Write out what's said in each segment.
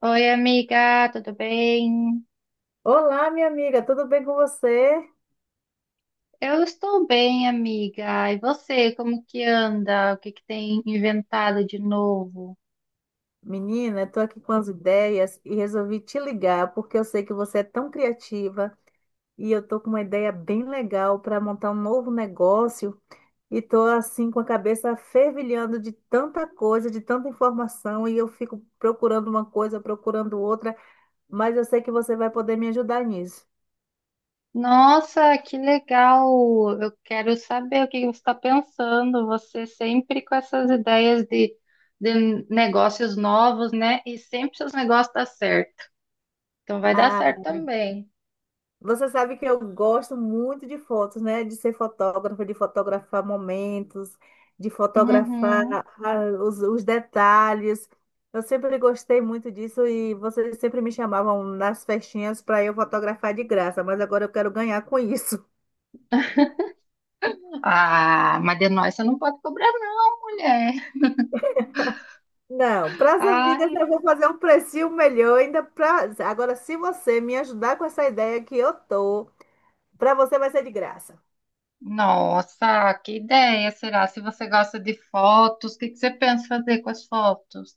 Oi, amiga, tudo bem? Olá, minha amiga, tudo bem com você? Eu estou bem, amiga. E você, como que anda? O que que tem inventado de novo? Menina, estou aqui com as ideias e resolvi te ligar porque eu sei que você é tão criativa e eu estou com uma ideia bem legal para montar um novo negócio e estou assim com a cabeça fervilhando de tanta coisa, de tanta informação e eu fico procurando uma coisa, procurando outra, mas eu sei que você vai poder me ajudar nisso. Nossa, que legal! Eu quero saber o que que você está pensando. Você sempre com essas ideias de negócios novos, né? E sempre seus negócios dão certo. Então vai dar Ah, certo também. você sabe que eu gosto muito de fotos, né? De ser fotógrafa, de fotografar momentos, de fotografar Uhum. Os detalhes. Eu sempre gostei muito disso e vocês sempre me chamavam nas festinhas para eu fotografar de graça, mas agora eu quero ganhar com isso. Ah, mas de nós você não pode cobrar, não, mulher. Não, para as amigas Ai. eu vou fazer um precinho melhor ainda pra... Agora, se você me ajudar com essa ideia que eu tô, para você vai ser de graça. Nossa, que ideia será? Se você gosta de fotos, o que que você pensa fazer com as fotos?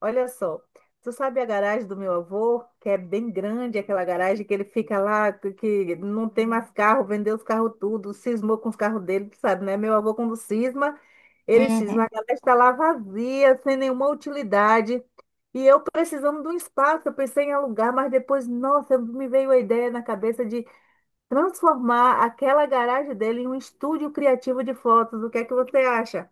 Olha só, tu sabe a garagem do meu avô, que é bem grande, aquela garagem que ele fica lá, que não tem mais carro, vendeu os carros tudo, cismou com os carros dele, tu sabe, né? Meu avô, quando cisma, ele Uhum. cisma, a garagem está lá vazia, sem nenhuma utilidade. E eu precisando de um espaço, eu pensei em alugar, mas depois, nossa, me veio a ideia na cabeça de transformar aquela garagem dele em um estúdio criativo de fotos. O que é que você acha?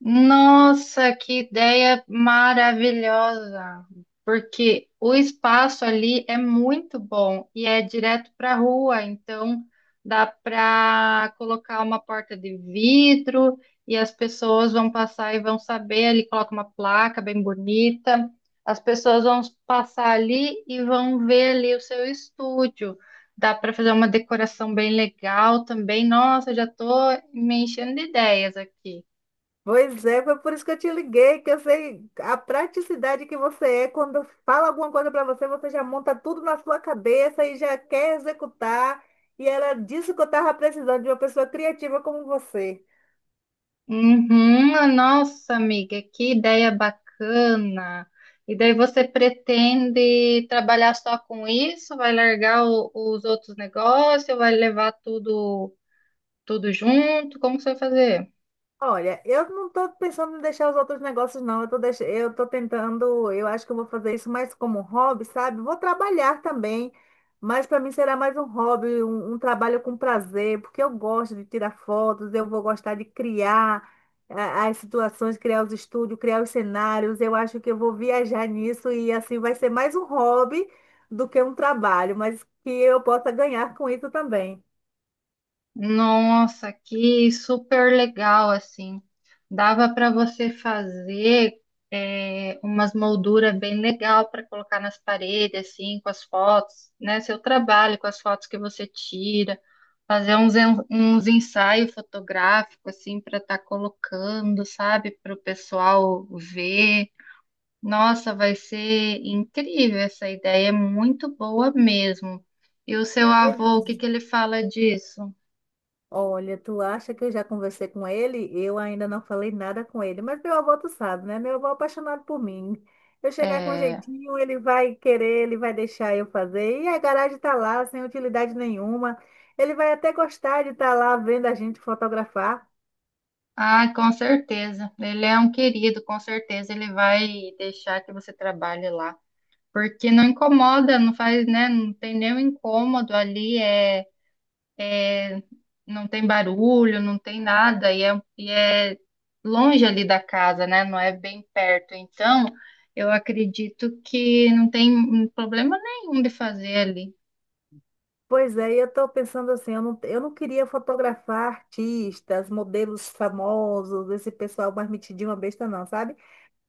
Nossa, que ideia maravilhosa! Porque o espaço ali é muito bom e é direto para a rua, então dá para colocar uma porta de vidro e as pessoas vão passar e vão saber. Ali coloca uma placa bem bonita, as pessoas vão passar ali e vão ver ali o seu estúdio. Dá para fazer uma decoração bem legal também. Nossa, já estou me enchendo de ideias aqui. Pois é, foi por isso que eu te liguei, que eu sei a praticidade que você é. Quando eu falo alguma coisa para você, você já monta tudo na sua cabeça e já quer executar. E era disso que eu estava precisando, de uma pessoa criativa como você. Uhum. Ah, nossa, amiga, que ideia bacana. E daí você pretende trabalhar só com isso? Vai largar os outros negócios? Vai levar tudo junto? Como que você vai fazer? Olha, eu não tô pensando em deixar os outros negócios, não. Eu tô, deix... eu tô tentando, eu acho que eu vou fazer isso mais como hobby, sabe? Vou trabalhar também, mas para mim será mais um hobby, um trabalho com prazer, porque eu gosto de tirar fotos, eu vou gostar de criar as situações, criar os estúdios, criar os cenários. Eu acho que eu vou viajar nisso e assim vai ser mais um hobby do que um trabalho, mas que eu possa ganhar com isso também. Nossa, que super legal, assim. Dava para você fazer umas molduras bem legal para colocar nas paredes, assim, com as fotos, né? Seu trabalho, com as fotos que você tira. Fazer uns ensaios fotográficos, assim, para estar colocando, sabe, para o pessoal ver. Nossa, vai ser incrível essa ideia, é muito boa mesmo. E o seu Pois avô, o que é. que ele fala disso? Olha, tu acha que eu já conversei com ele? Eu ainda não falei nada com ele, mas meu avô, tu sabe, né? Meu avô é apaixonado por mim. Eu chegar com um É... jeitinho, ele vai querer, ele vai deixar eu fazer. E a garagem tá lá, sem utilidade nenhuma. Ele vai até gostar de estar lá vendo a gente fotografar. Ah, com certeza. Ele é um querido, com certeza ele vai deixar que você trabalhe lá. Porque não incomoda, não faz, né? Não tem nenhum incômodo ali. É, não tem barulho, não tem nada, e é longe ali da casa, né? Não é bem perto. Então, eu acredito que não tem problema nenhum de fazer ali. Pois é, e eu estou pensando assim, eu não queria fotografar artistas, modelos famosos, esse pessoal mais metidinho, uma besta não, sabe?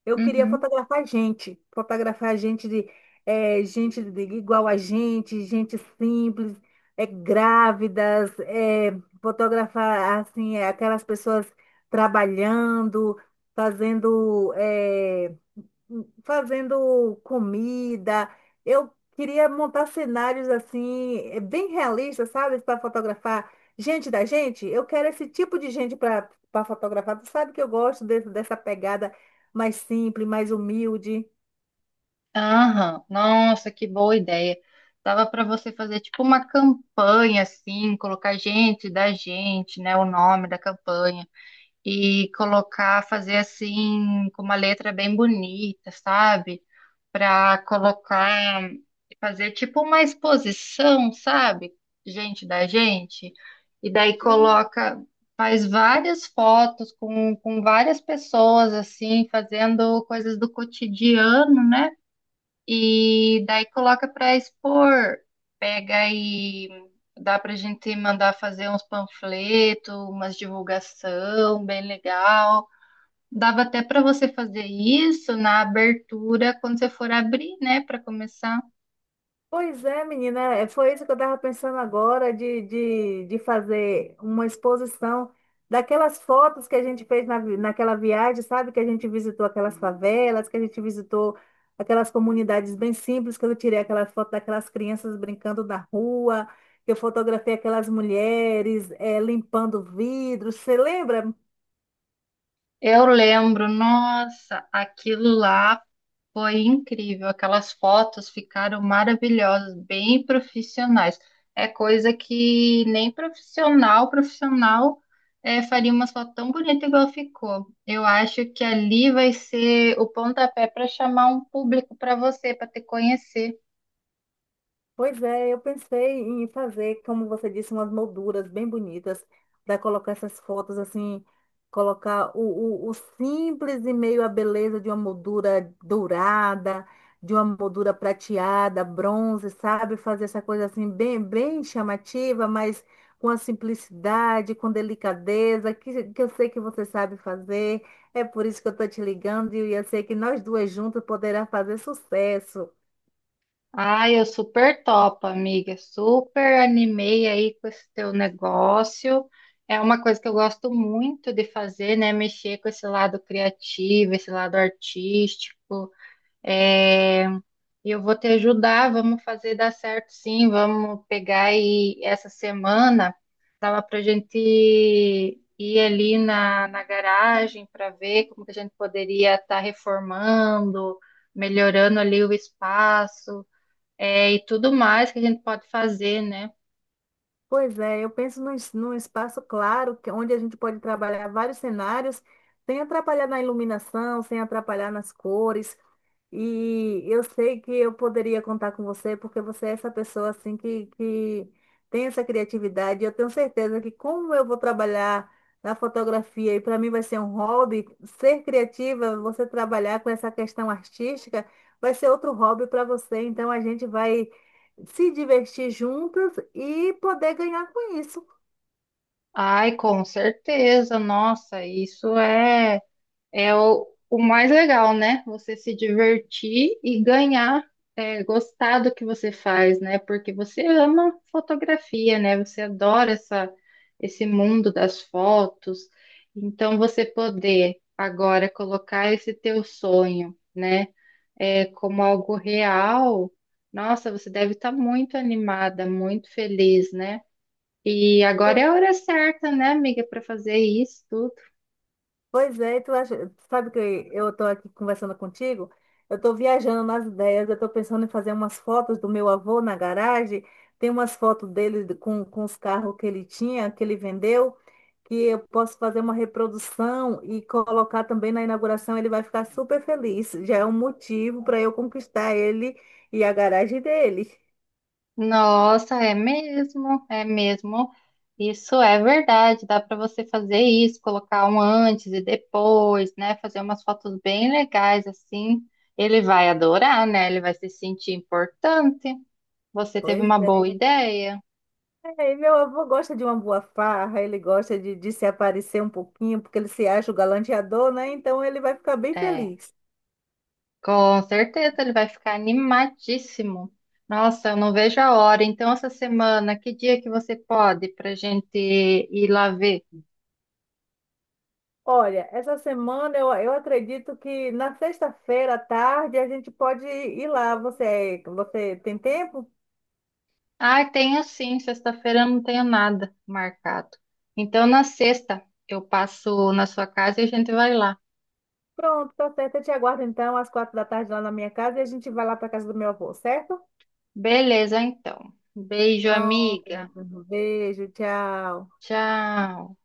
Eu queria Uhum. Fotografar gente de gente de- igual a gente, gente simples, é, grávidas, fotografar assim aquelas pessoas trabalhando, fazendo. Fazendo comida. Eu queria montar cenários assim, bem realistas, sabe? Para fotografar gente da gente. Eu quero esse tipo de gente para fotografar. Tu sabe que eu gosto desse- dessa pegada mais simples, mais humilde. Aham, nossa, que boa ideia. Dava para você fazer tipo uma campanha assim, colocar gente da gente, né, o nome da campanha e colocar, fazer assim com uma letra bem bonita, sabe? Para colocar, fazer tipo uma exposição, sabe? Gente da gente. E daí coloca, faz várias fotos com várias pessoas, assim, fazendo coisas do cotidiano, né? E daí coloca para expor, pega e dá pra gente mandar fazer uns panfletos, umas divulgação bem legal. Dava até para você fazer isso na abertura, quando você for abrir, né, para começar. Pois é, menina, é, foi isso que eu estava pensando agora de fazer uma exposição daquelas fotos que a gente fez na, vi- naquela viagem, sabe? Que a gente visitou aquelas favelas, que a gente visitou aquelas comunidades bem simples, que eu tirei aquela foto daquelas crianças brincando na rua, que eu fotografei aquelas mulheres limpando vidros. Você lembra? Eu lembro, nossa, aquilo lá foi incrível. Aquelas fotos ficaram maravilhosas, bem profissionais. É coisa que nem profissional, profissional, faria uma foto tão bonita igual ficou. Eu acho que ali vai ser o pontapé para chamar um público para você, para te conhecer. Pois é, eu pensei em fazer, como você disse, umas molduras bem bonitas, para colocar essas fotos assim, colocar o simples e meio a beleza de uma moldura dourada, de uma moldura prateada, bronze, sabe? Fazer essa coisa assim bem, bem chamativa, mas com a simplicidade, com delicadeza, que eu sei que você sabe fazer. É por isso que eu estou te ligando e eu sei que nós duas juntas poderá fazer sucesso. Ai, eu super topo, amiga. Super animei aí com esse teu negócio. É uma coisa que eu gosto muito de fazer, né? Mexer com esse lado criativo, esse lado artístico. É, e eu vou te ajudar, vamos fazer dar certo sim. Vamos pegar aí essa semana. Dava pra gente ir ali na garagem para ver como que a gente poderia estar reformando, melhorando ali o espaço, é, e tudo mais que a gente pode fazer, né? Pois é, eu penso num, es- num espaço claro, que- onde a gente pode trabalhar vários cenários, sem atrapalhar na iluminação, sem atrapalhar nas cores. E eu sei que eu poderia contar com você, porque você é essa pessoa assim que tem essa criatividade. Eu tenho certeza que como eu vou trabalhar na fotografia e para mim vai ser um hobby, ser criativa, você trabalhar com essa questão artística, vai ser outro hobby para você. Então a gente vai se divertir juntas e poder ganhar com isso. Ai, com certeza, nossa, é o mais legal, né? Você se divertir e ganhar, é, gostar do que você faz, né? Porque você ama fotografia, né? Você adora essa, esse mundo das fotos. Então, você poder agora colocar esse teu sonho, né? É, como algo real, nossa, você deve estar muito animada, muito feliz, né? E agora é a hora certa, né, amiga, para fazer isso tudo. Pois é, e tu acha, sabe que eu estou aqui conversando contigo? Eu estou viajando nas ideias, eu estou pensando em fazer umas fotos do meu avô na garagem. Tem umas fotos dele de- com os carros que ele tinha, que ele vendeu, que eu posso fazer uma reprodução e colocar também na inauguração. Ele vai ficar super feliz. Já é um motivo para eu conquistar ele e a garagem dele. Nossa, é mesmo, é mesmo. Isso é verdade, dá para você fazer isso, colocar um antes e depois, né? Fazer umas fotos bem legais assim. Ele vai adorar, né? Ele vai se sentir importante. Você teve Pois uma boa é. ideia. É, meu avô gosta de uma boa farra, ele gosta de se aparecer um pouquinho, porque ele se acha o galanteador, né? Então ele vai ficar bem É. feliz. Com certeza, ele vai ficar animadíssimo. Nossa, eu não vejo a hora. Então, essa semana, que dia que você pode para gente ir lá ver? Olha, essa semana eu acredito que na sexta-feira à tarde a gente pode ir lá. Você tem tempo? Ah, tenho sim, sexta-feira eu não tenho nada marcado. Então, na sexta, eu passo na sua casa e a gente vai lá. Pronto, tá certo. Eu te aguardo então às 4 da tarde lá na minha casa e a gente vai lá para casa do meu avô, certo? Beleza, então. Beijo, Pronto. amiga. Um beijo, tchau. Tchau.